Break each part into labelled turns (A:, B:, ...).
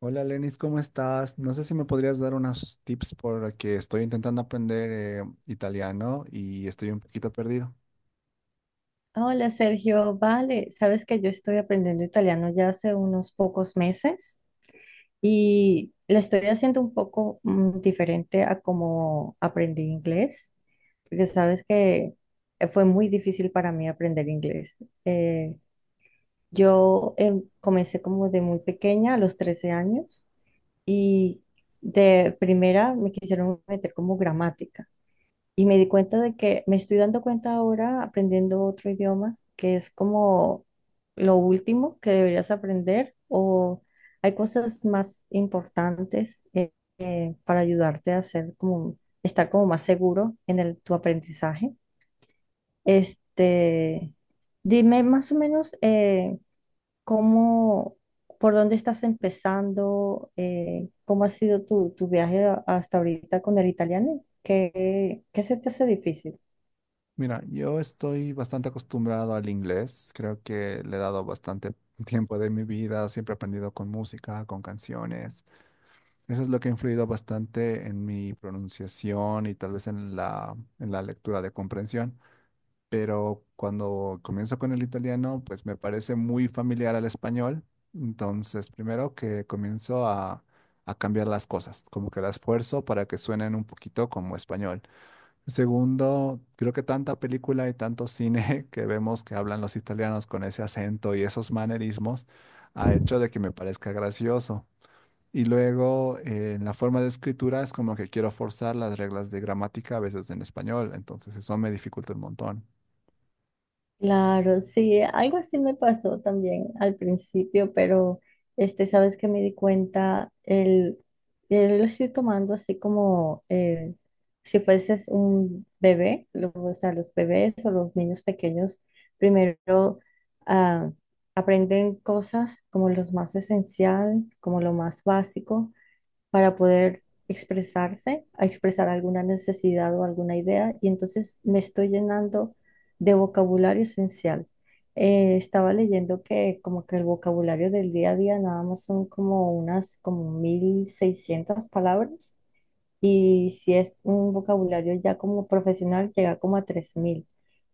A: Hola Lenis, ¿cómo estás? No sé si me podrías dar unos tips porque estoy intentando aprender italiano y estoy un poquito perdido.
B: Hola Sergio, vale, sabes que yo estoy aprendiendo italiano ya hace unos pocos meses y lo estoy haciendo un poco diferente a como aprendí inglés, porque sabes que fue muy difícil para mí aprender inglés. Eh, yo comencé como de muy pequeña, a los 13 años, y de primera me quisieron meter como gramática. Y me di cuenta de que Me estoy dando cuenta ahora aprendiendo otro idioma, que es como lo último que deberías aprender, o hay cosas más importantes para ayudarte a hacer como, estar como más seguro en tu aprendizaje. Este, dime más o menos, cómo, por dónde estás empezando, cómo ha sido tu viaje hasta ahorita con el italiano. ¿Qué, qué se te hace difícil?
A: Mira, yo estoy bastante acostumbrado al inglés, creo que le he dado bastante tiempo de mi vida, siempre he aprendido con música, con canciones. Eso es lo que ha influido bastante en mi pronunciación y tal vez en la lectura de comprensión. Pero cuando comienzo con el italiano, pues me parece muy familiar al español. Entonces, primero que a cambiar las cosas, como que las fuerzo para que suenen un poquito como español. Segundo, creo que tanta película y tanto cine que vemos que hablan los italianos con ese acento y esos manerismos ha hecho de que me parezca gracioso. Y luego, en la forma de escritura es como que quiero forzar las reglas de gramática a veces en español, entonces eso me dificulta un montón.
B: Claro, sí, algo así me pasó también al principio, pero este, sabes que me di cuenta, lo estoy tomando así como, si fueses un bebé, o sea, los bebés o los niños pequeños primero ah, aprenden cosas como lo más esencial, como lo más básico, para poder expresarse, a expresar alguna necesidad o alguna idea, y entonces me estoy llenando de vocabulario esencial. Estaba leyendo que como que el vocabulario del día a día nada más son como unas como 1.600 palabras, y si es un vocabulario ya como profesional llega como a 3.000,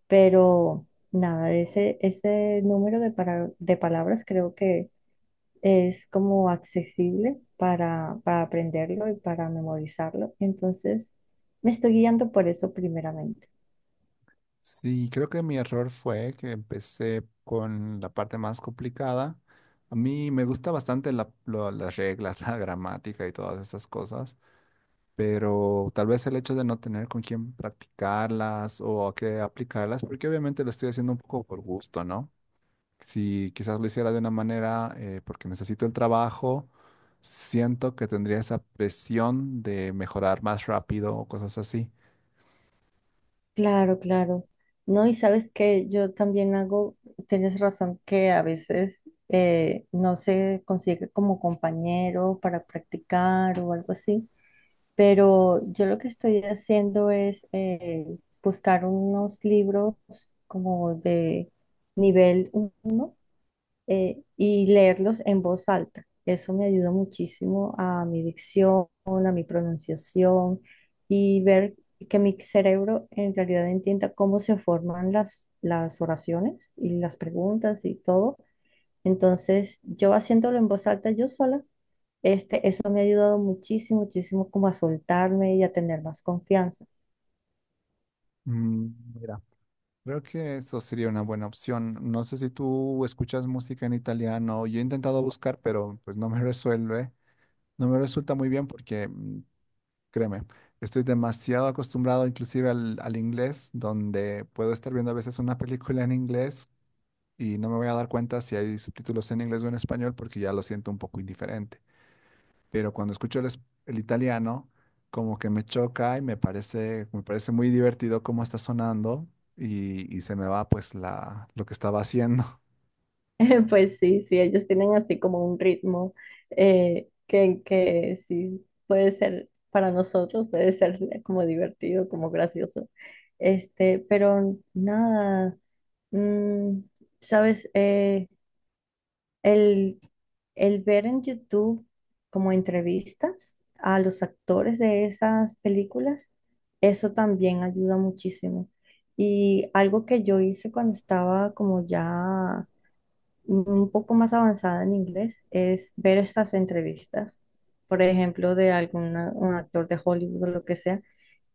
B: pero nada, ese número de palabras creo que es como accesible para aprenderlo y para memorizarlo. Entonces, me estoy guiando por eso primeramente.
A: Sí, creo que mi error fue que empecé con la parte más complicada. A mí me gusta bastante las reglas, la gramática y todas esas cosas, pero tal vez el hecho de no tener con quién practicarlas o a qué aplicarlas, porque obviamente lo estoy haciendo un poco por gusto, ¿no? Si quizás lo hiciera de una manera porque necesito el trabajo, siento que tendría esa presión de mejorar más rápido o cosas así.
B: Claro, claro. No, y sabes que yo también hago, tienes razón que a veces no se consigue como compañero para practicar o algo así, pero yo lo que estoy haciendo es buscar unos libros como de nivel uno, y leerlos en voz alta. Eso me ayuda muchísimo a mi dicción, a mi pronunciación, y ver que mi cerebro en realidad entienda cómo se forman las oraciones y las preguntas y todo. Entonces, yo haciéndolo en voz alta yo sola, este, eso me ha ayudado muchísimo, muchísimo, como a soltarme y a tener más confianza.
A: Mm, mira. Creo que eso sería una buena opción. No sé si tú escuchas música en italiano. Yo he intentado buscar, pero pues no me resuelve. No me resulta muy bien porque, mm, créeme, estoy demasiado acostumbrado inclusive al inglés, donde puedo estar viendo a veces una película en inglés y no me voy a dar cuenta si hay subtítulos en inglés o en español porque ya lo siento un poco indiferente. Pero cuando escucho el italiano, como que me choca y me parece muy divertido cómo está sonando y se me va pues la, lo que estaba haciendo.
B: Pues sí, sí, ellos tienen así como un ritmo que sí puede ser para nosotros, puede ser como divertido, como gracioso. Este, pero nada, mm, sabes. El, el ver en YouTube como entrevistas a los actores de esas películas, eso también ayuda muchísimo. Y algo que yo hice cuando estaba como ya un poco más avanzada en inglés es ver estas entrevistas, por ejemplo, de algún un actor de Hollywood o lo que sea,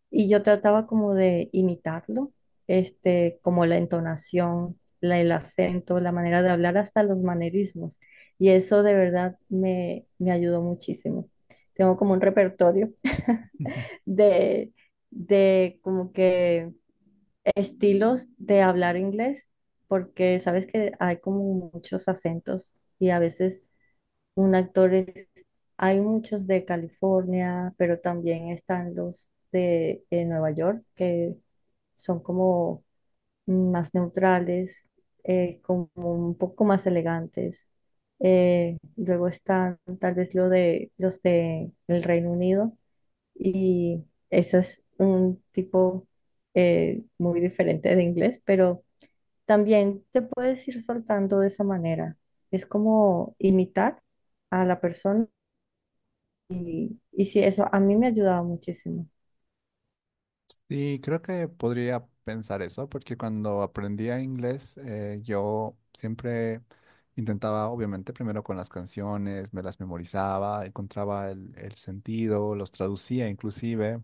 B: y yo trataba como de imitarlo, este, como la entonación, el acento, la manera de hablar, hasta los manerismos, y eso de verdad me ayudó muchísimo. Tengo como un repertorio de, de como que estilos de hablar inglés, porque sabes que hay como muchos acentos, y a veces un hay muchos de California, pero también están los de, Nueva York, que son como más neutrales, como un poco más elegantes. Luego están tal vez los de el Reino Unido, y eso es un tipo muy diferente de inglés, pero también te puedes ir soltando de esa manera. Es como imitar a la persona. Y sí, eso a mí me ha ayudado muchísimo.
A: Y creo que podría pensar eso, porque cuando aprendía inglés, yo siempre intentaba, obviamente, primero con las canciones, me las memorizaba, encontraba el sentido, los traducía inclusive,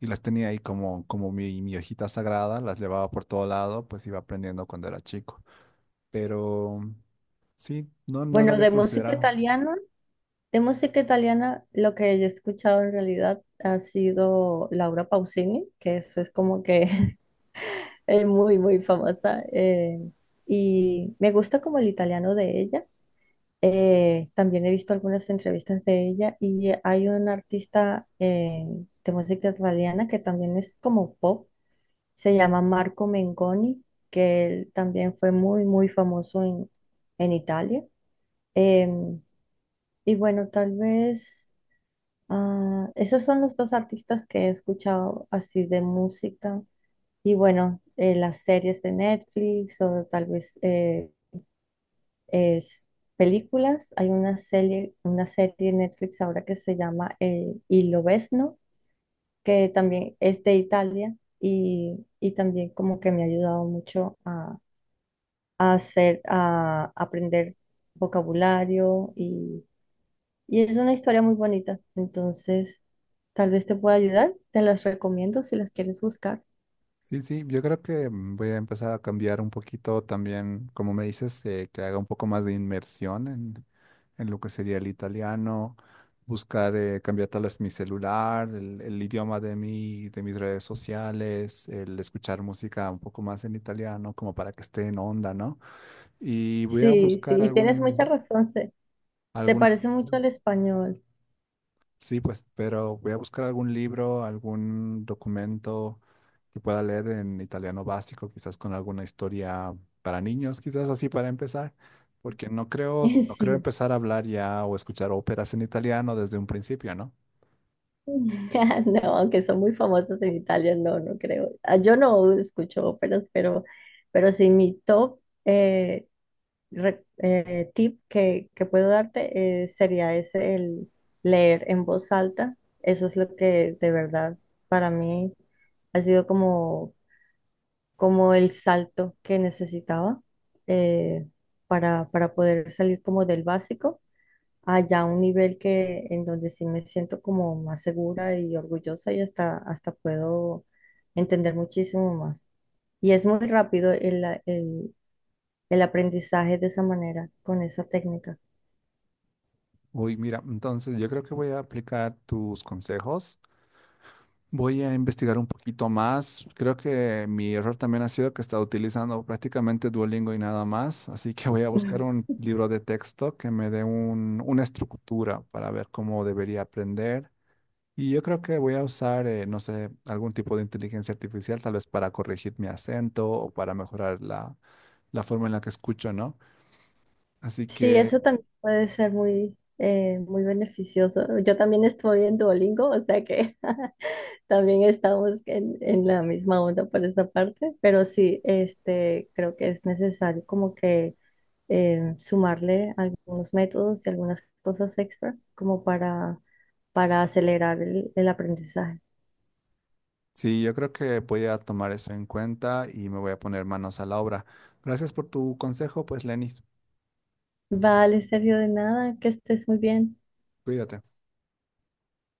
A: y las tenía ahí como, como mi hojita sagrada, las llevaba por todo lado, pues iba aprendiendo cuando era chico. Pero sí, no lo
B: Bueno,
A: había considerado.
B: de música italiana, lo que yo he escuchado en realidad ha sido Laura Pausini, que eso es como que es muy, muy famosa. Y me gusta como el italiano de ella. También he visto algunas entrevistas de ella, y hay un artista de música italiana que también es como pop, se llama Marco Mengoni, que él también fue muy, muy famoso en Italia. Em, y bueno, tal vez esos son los dos artistas que he escuchado así de música. Y bueno, las series de Netflix, o tal vez es películas. Hay una serie en Netflix ahora que se llama Il Lobesno, que también es de Italia, y también como que me ha ayudado mucho a a aprender vocabulario, y es una historia muy bonita. Entonces, tal vez te pueda ayudar. Te las recomiendo si las quieres buscar.
A: Sí, sí, yo creo que mm, voy a empezar a cambiar un poquito también, como me dices, que haga un poco más de inmersión en lo que sería el italiano, buscar cambiar tal vez mi celular, el idioma de mi, de mis redes sociales, el escuchar música un poco más en italiano, como para que esté en onda, ¿no? Y voy a
B: Sí,
A: buscar
B: sí, y tienes mucha
A: algún,
B: razón. Se
A: algún...
B: parece mucho
A: libro.
B: al español.
A: Sí, pues, pero voy a buscar algún libro, algún documento que pueda leer en italiano básico, quizás con alguna historia para niños, quizás así para empezar, porque no creo, no creo
B: Sí.
A: empezar a hablar ya o escuchar óperas en italiano desde un principio, ¿no?
B: No, aunque son muy famosos en Italia, no, no creo. Ah, yo no escucho óperas, pero sí mi top tip que puedo darte sería ese, el leer en voz alta. Eso es lo que de verdad para mí ha sido como, como el salto que necesitaba, eh, para poder salir como del básico allá a un nivel que en donde sí me siento como más segura y orgullosa, y hasta, hasta puedo entender muchísimo más. Y es muy rápido el aprendizaje de esa manera, con esa técnica.
A: Uy, mira, entonces yo creo que voy a aplicar tus consejos. Voy a investigar un poquito más. Creo que mi error también ha sido que he estado utilizando prácticamente Duolingo y nada más, así que voy a buscar un libro de texto que me dé una estructura para ver cómo debería aprender. Y yo creo que voy a usar, no sé, algún tipo de inteligencia artificial, tal vez para corregir mi acento o para mejorar la, la forma en la que escucho, ¿no? Así
B: Sí,
A: que
B: eso también puede ser muy, muy beneficioso. Yo también estoy en Duolingo, o sea que también estamos en la misma onda por esta parte, pero sí, este, creo que es necesario como que sumarle algunos métodos y algunas cosas extra, como para acelerar el aprendizaje.
A: sí, yo creo que voy a tomar eso en cuenta y me voy a poner manos a la obra. Gracias por tu consejo, pues, Lenis.
B: Vale, Sergio, de nada, que estés muy bien.
A: Cuídate.